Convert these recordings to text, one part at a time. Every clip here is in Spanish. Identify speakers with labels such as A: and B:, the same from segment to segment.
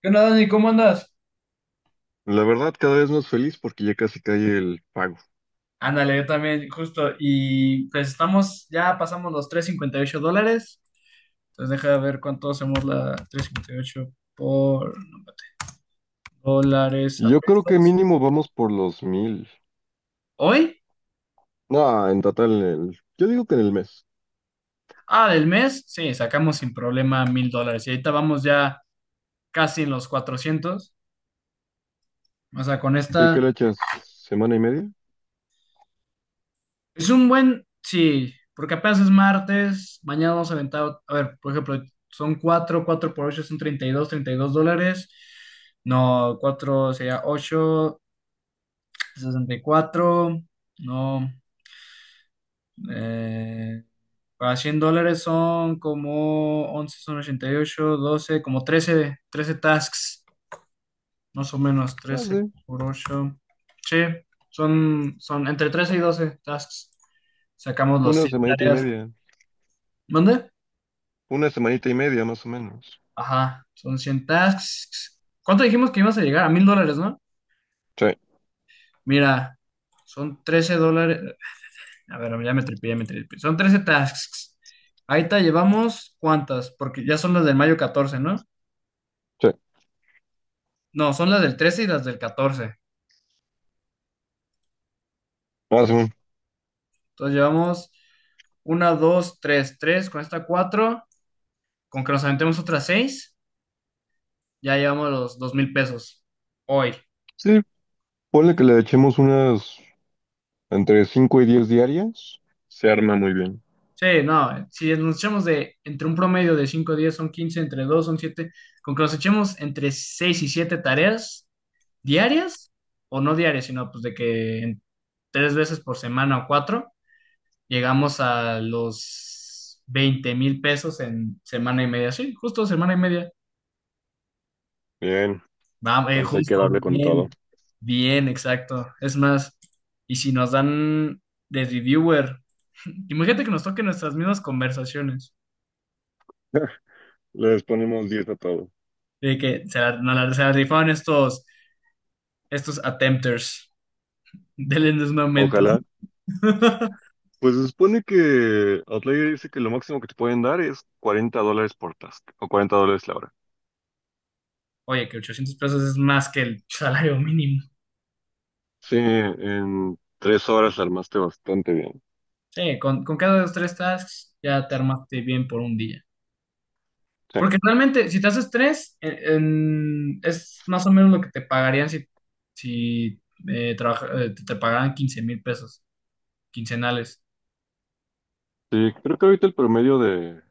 A: ¿Qué onda, Dani? ¿Cómo andas?
B: La verdad, cada vez más feliz porque ya casi cae el pago.
A: Ándale, yo también, justo. Y pues estamos, ya pasamos los $358. Entonces deja de ver cuánto hacemos la 358 por dólares
B: Y
A: a
B: Yo creo que
A: pesos.
B: mínimo vamos por los 1,000.
A: ¿Hoy?
B: No, en total, yo digo que en el mes.
A: Ah, del mes. Sí, sacamos sin problema $1,000. Y ahorita vamos ya casi en los 400. O sea, con
B: Sí,
A: esta.
B: ¿qué le echas? ¿Semana y media?
A: Es un buen, sí, porque apenas es martes, mañana vamos a aventar, a ver, por ejemplo, son 4 4 por 8 son treinta treinta y dos dólares, no, 4 sería ocho, sesenta y cuatro no, eh, para $100 son como 11 son 88 12 como 13 13 tasks, más o menos,
B: Ah,
A: trece
B: sí,
A: por 8 sí, son entre 13 y 12 tasks, sacamos los
B: una
A: 100
B: semanita y
A: tareas,
B: media.
A: ¿mande?
B: Una semanita y media, más o menos.
A: Ajá, son 100 tasks. ¿Cuánto dijimos que ibas a llegar? A $1,000, ¿no?
B: Sí,
A: Mira, son $13. A ver, ya me tripié, ya me tripié. Son 13 tasks. Ahí te llevamos cuántas, porque ya son las del mayo 14, ¿no?
B: sí.
A: No, son las del 13 y las del catorce.
B: Ah, Simón.
A: Entonces llevamos una, dos, tres, tres, con esta cuatro, con que nos aventemos otras seis, ya llevamos los $2,000 hoy.
B: Sí, ponle que le echemos unas entre 5 y 10 diarias. Se arma muy bien.
A: Sí, no, si nos echamos de entre un promedio de 5 días son 15 entre 2 son 7 con que nos echemos entre 6 y 7 tareas diarias, o no diarias, sino pues de que en tres veces por semana o cuatro, llegamos a los $20,000 en semana y media. Sí, justo semana y media.
B: Bien,
A: Vamos,
B: entonces hay que
A: justo,
B: darle con todo.
A: bien, bien, exacto. Es más, y si nos dan de reviewer, imagínate que nos toquen nuestras mismas conversaciones.
B: Les ponemos 10 a todo.
A: De que se la, no la- se la rifaron estos attempters. Denles un aumento.
B: Ojalá. Pues se supone que Outlier dice que lo máximo que te pueden dar es $40 por task o $40 la hora.
A: Oye, que $800 es más que el salario mínimo.
B: Sí, en 3 horas la armaste bastante bien.
A: Sí, con cada de los tres tasks ya te armaste bien por un día.
B: Sí.
A: Porque realmente, si te haces tres, es más o menos lo que te pagarían si te pagaran 15 mil pesos quincenales.
B: Sí, creo que ahorita el promedio de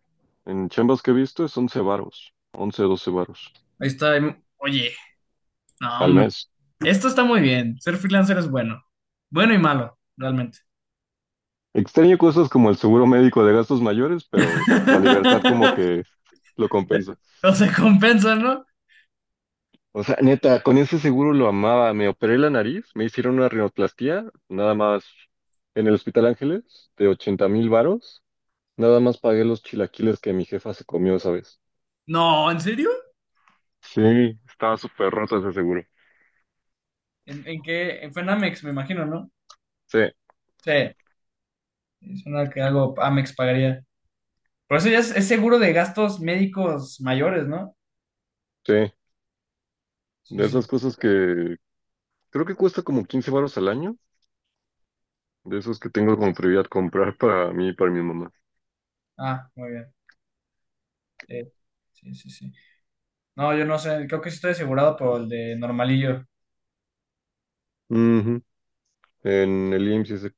B: en chambas que he visto es 11 varos, 11 12 varos
A: Ahí está. Oye, no,
B: al
A: hombre.
B: mes.
A: Esto está muy bien. Ser freelancer es bueno. Bueno y malo, realmente.
B: Extraño cosas como el seguro médico de gastos mayores, pero la libertad como que lo compensa.
A: No se compensan, ¿no?
B: O sea, neta, con ese seguro lo amaba. Me operé la nariz, me hicieron una rinoplastía, nada más en el Hospital Ángeles, de 80,000 varos. Nada más pagué los chilaquiles que mi jefa se comió esa vez.
A: No, ¿en serio?
B: Sí, estaba súper roto ese seguro.
A: ¿En qué? Fue en Amex, me imagino, ¿no?
B: Sí,
A: Sí, es una que algo Amex pagaría. Por eso ya es seguro de gastos médicos mayores, ¿no?
B: sí.
A: Sí,
B: De
A: sí.
B: esas
A: Sí.
B: cosas que creo que cuesta como 15 varos al año. De esos que tengo como prioridad comprar para mí y para mi mamá.
A: Ah, muy bien. Sí, sí, sí, sí. No, yo no sé, creo que sí estoy asegurado por el de normalillo.
B: Ujú. En el IMSS dice,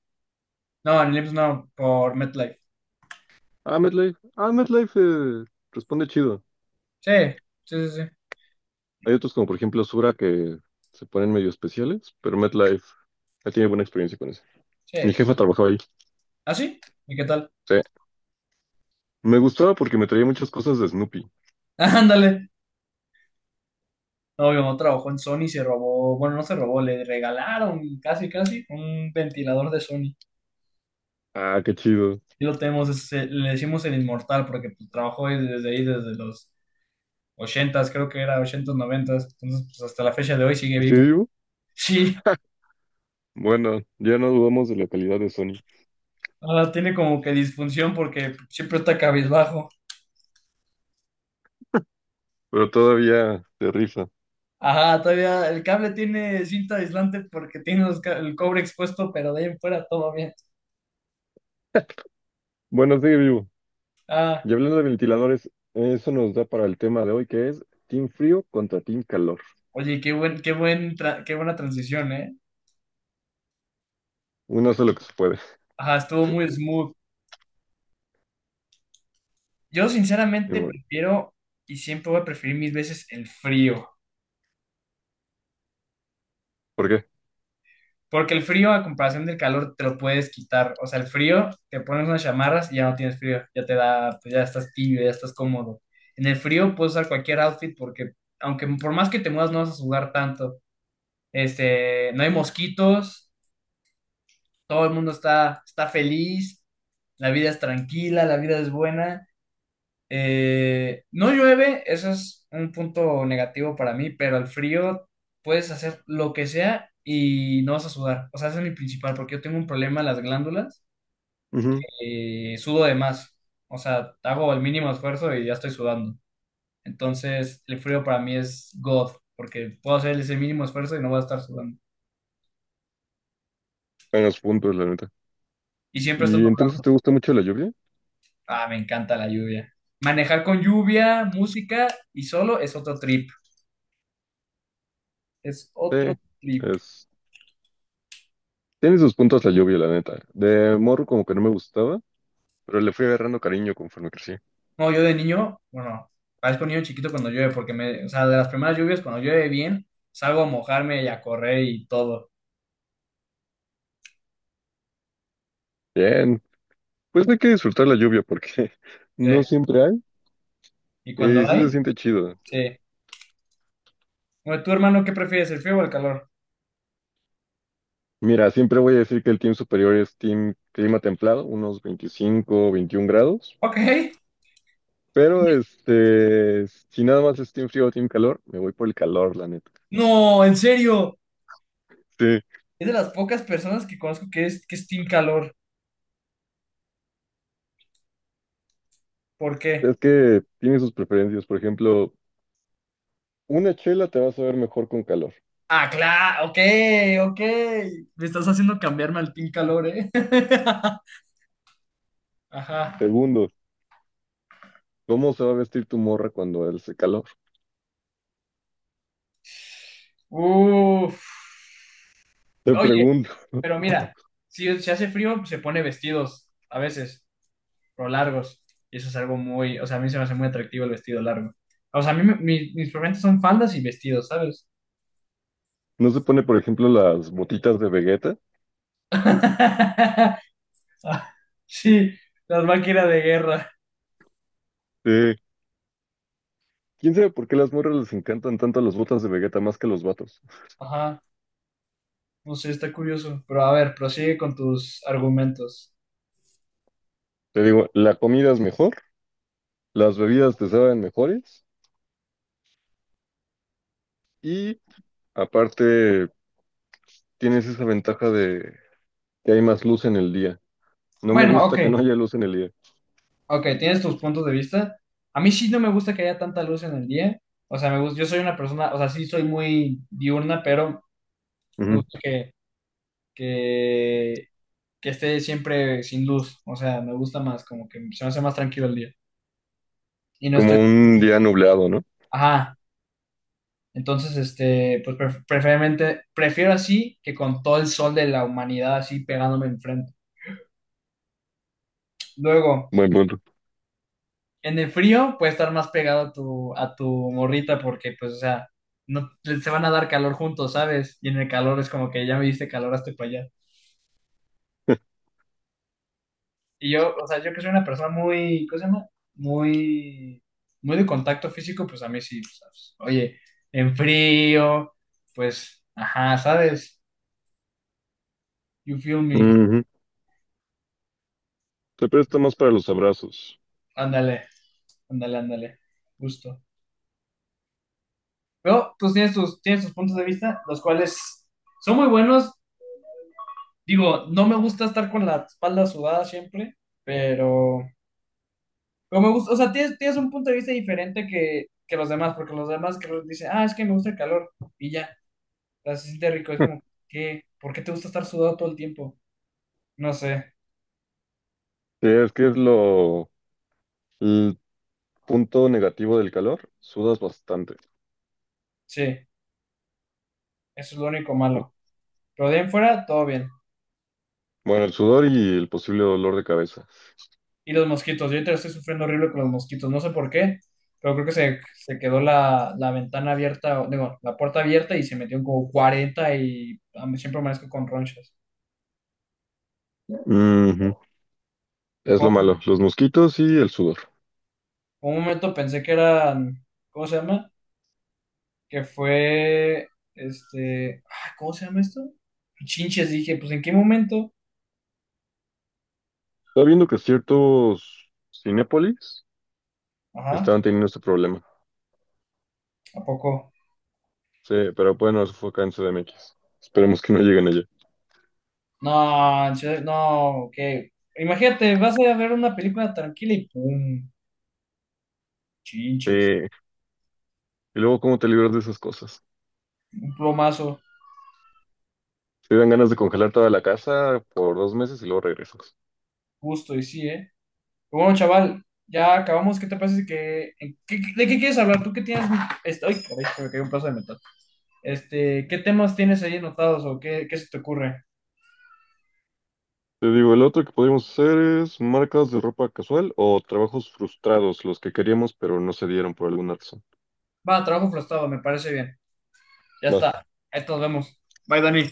A: No, en el IMSS no, por MetLife.
B: ah, MetLife, responde chido.
A: Sí, sí, sí, sí.
B: Hay otros como por ejemplo Sura que se ponen medio especiales, pero MetLife ya tiene buena experiencia con eso.
A: Sí.
B: Mi jefa trabajaba ahí.
A: ¿Ah, sí? ¿Y qué tal?
B: Sí. Me gustaba porque me traía muchas cosas de Snoopy.
A: Ándale. No, mi mamá trabajó en Sony y se robó, bueno, no se robó, le regalaron casi, casi un ventilador de Sony.
B: Ah, qué chido.
A: Sí lo tenemos, le decimos el inmortal porque pues, trabajó ahí, desde los ochentas creo que era ochentas noventas entonces pues hasta la fecha de hoy sigue
B: ¿Sigue
A: vivo.
B: vivo?
A: Sí,
B: Bueno, ya no dudamos de la calidad de Sony,
A: ahora tiene como que disfunción porque siempre está cabizbajo.
B: pero todavía se rifa.
A: Ajá, todavía el cable tiene cinta aislante porque tiene el cobre expuesto, pero de ahí en fuera todo bien.
B: Bueno, sigue vivo.
A: Ah,
B: Y hablando de ventiladores, eso nos da para el tema de hoy que es Team Frío contra Team Calor.
A: oye, qué buena transición, ¿eh?
B: Uno
A: Pues,
B: hace lo que se puede.
A: ajá, estuvo muy smooth. Yo sinceramente
B: Simón.
A: prefiero y siempre voy a preferir mis veces el frío.
B: ¿Por qué?
A: Porque el frío, a comparación del calor, te lo puedes quitar. O sea, el frío, te pones unas chamarras y ya no tienes frío. Ya te da, pues ya estás tibio, ya estás cómodo. En el frío puedes usar cualquier outfit porque, aunque por más que te muevas, no vas a sudar tanto. Este, no hay mosquitos, todo el mundo está feliz, la vida es tranquila, la vida es buena. No llueve, eso es un punto negativo para mí, pero al frío puedes hacer lo que sea y no vas a sudar. O sea, ese es mi principal, porque yo tengo un problema en las glándulas,
B: Ujú.
A: sudo de más. O sea, hago el mínimo esfuerzo y ya estoy sudando. Entonces, el frío para mí es God, porque puedo hacer ese mínimo esfuerzo y no voy a estar sudando.
B: En los puntos, la neta.
A: Y siempre estoy.
B: ¿Y entonces te gusta mucho la lluvia?
A: Ah, me encanta la lluvia. Manejar con lluvia, música y solo es otro trip. Es
B: Sí.
A: otro trip.
B: Es Tiene sus puntos la lluvia, la neta. De morro como que no me gustaba, pero le fui agarrando cariño conforme crecí.
A: No, yo de niño, bueno, parezco niño chiquito cuando llueve, porque me, o sea, de las primeras lluvias, cuando llueve bien, salgo a mojarme y a correr y todo.
B: Bien, pues no hay que disfrutar la lluvia porque
A: Sí.
B: no siempre hay
A: Y
B: y
A: cuando
B: sí se
A: hay,
B: siente chido.
A: sí. Bueno, ¿tu hermano qué prefieres, el frío o el calor?
B: Mira, siempre voy a decir que el team superior es team clima templado, unos 25 21 grados,
A: Ok.
B: pero este, si nada más es team frío o team calor, me voy por el calor, la neta.
A: No, en serio.
B: Sí,
A: Es de las pocas personas que conozco que es team calor. ¿Por qué?
B: es que tiene sus preferencias. Por ejemplo, una chela te va a saber mejor con calor.
A: Ah, claro, ok, ok. Me estás haciendo cambiarme al team calor, ¿eh? Ajá.
B: Segundo, ¿cómo se va a vestir tu morra cuando hace calor?
A: Uf.
B: Te
A: Oye,
B: pregunto,
A: pero mira, si se hace frío, se pone vestidos a veces, o largos. Y eso es algo muy, o sea, a mí se me hace muy atractivo el vestido largo. O sea, a mí mis problemas son faldas y vestidos, ¿sabes?
B: ¿no se pone, por ejemplo, las botitas de Vegeta?
A: Sí, las máquinas de guerra.
B: Eh, ¿Quién sabe por qué las morras les encantan tanto las botas de Vegeta más que los vatos?
A: Ajá, no sé, está curioso. Pero a ver, prosigue con tus argumentos.
B: Te digo, la comida es mejor, las bebidas te saben mejores y aparte tienes esa ventaja de que hay más luz en el día. No me
A: Bueno, ok,
B: gusta que no haya luz en el día.
A: ok, tienes tus puntos de vista. A mí sí no me gusta que haya tanta luz en el día. O sea, me gusta, yo soy una persona, o sea, sí soy muy diurna, pero me
B: Ujú.
A: gusta que que esté siempre sin luz. O sea, me gusta más, como que se me hace más tranquilo el día. Y no
B: Como
A: estoy.
B: un día nublado, ¿no?
A: Ajá. Entonces, este, pues preferiblemente, prefiero así que con todo el sol de la humanidad así pegándome enfrente. Luego,
B: Buen punto.
A: en el frío puedes estar más pegado a tu morrita porque, pues, o sea, no, se van a dar calor juntos, ¿sabes? Y en el calor es como que ya me diste calor hasta para allá. Y yo, o sea, yo que soy una persona muy, ¿cómo se llama? Muy, muy de contacto físico, pues a mí sí, pues, ¿sabes? Oye, en frío, pues, ajá, ¿sabes? You feel me.
B: Ujú. Se presta más para los abrazos.
A: Ándale, ándale, ándale. Justo. Pero, pues tienes tus puntos de vista, los cuales son muy buenos. Digo, no me gusta estar con la espalda sudada siempre, pero, pero me gusta, o sea, tienes un punto de vista diferente que los demás, porque los demás que los dicen, ah, es que me gusta el calor, y ya. Las se siente rico, es como, ¿qué? ¿Por qué te gusta estar sudado todo el tiempo? No sé,
B: Sí, es que es lo el punto negativo del calor, sudas bastante.
A: sí, eso es lo único malo. Pero de ahí en fuera, todo bien.
B: Bueno, el sudor y el posible dolor de cabeza.
A: Y los mosquitos, yo ahorita estoy sufriendo horrible con los mosquitos, no sé por qué, pero creo que se quedó la ventana abierta, digo, la puerta abierta y se metieron como cuarenta y a mí siempre amanezco con ronchas.
B: Ujú. Es
A: Por
B: lo malo, los mosquitos y el sudor.
A: un momento pensé que eran, ¿cómo se llama? Que fue, este, ay, ¿cómo se llama esto? Chinches, dije, pues ¿en qué momento?
B: Estaba viendo que ciertos cinépolis
A: Ajá,
B: estaban teniendo este problema.
A: ¿a poco?
B: Sí, pero bueno, eso fue acá en CDMX. Esperemos que no lleguen allá.
A: No, en serio, no, que imagínate, vas a ver una película tranquila y ¡pum! Chinches.
B: Sí. Y luego, ¿cómo te libras de esas cosas?
A: Un plomazo,
B: Te dan ganas de congelar toda la casa por 2 meses y luego regresas.
A: justo, y sí, ¿eh? Pero bueno, chaval, ya acabamos. ¿Qué te parece que... ¿De qué quieres hablar? ¿Tú qué tienes... Este... ¡Ay, caray! Se me cayó un pedazo de metal. Este, ¿qué temas tienes ahí anotados o qué se te ocurre?
B: Te digo, el otro que podríamos hacer es marcas de ropa casual o trabajos frustrados, los que queríamos pero no se dieron por alguna razón.
A: Va, trabajo frustrado, me parece bien. Ya
B: Va.
A: está. Ahí nos vemos. Bye, Dani.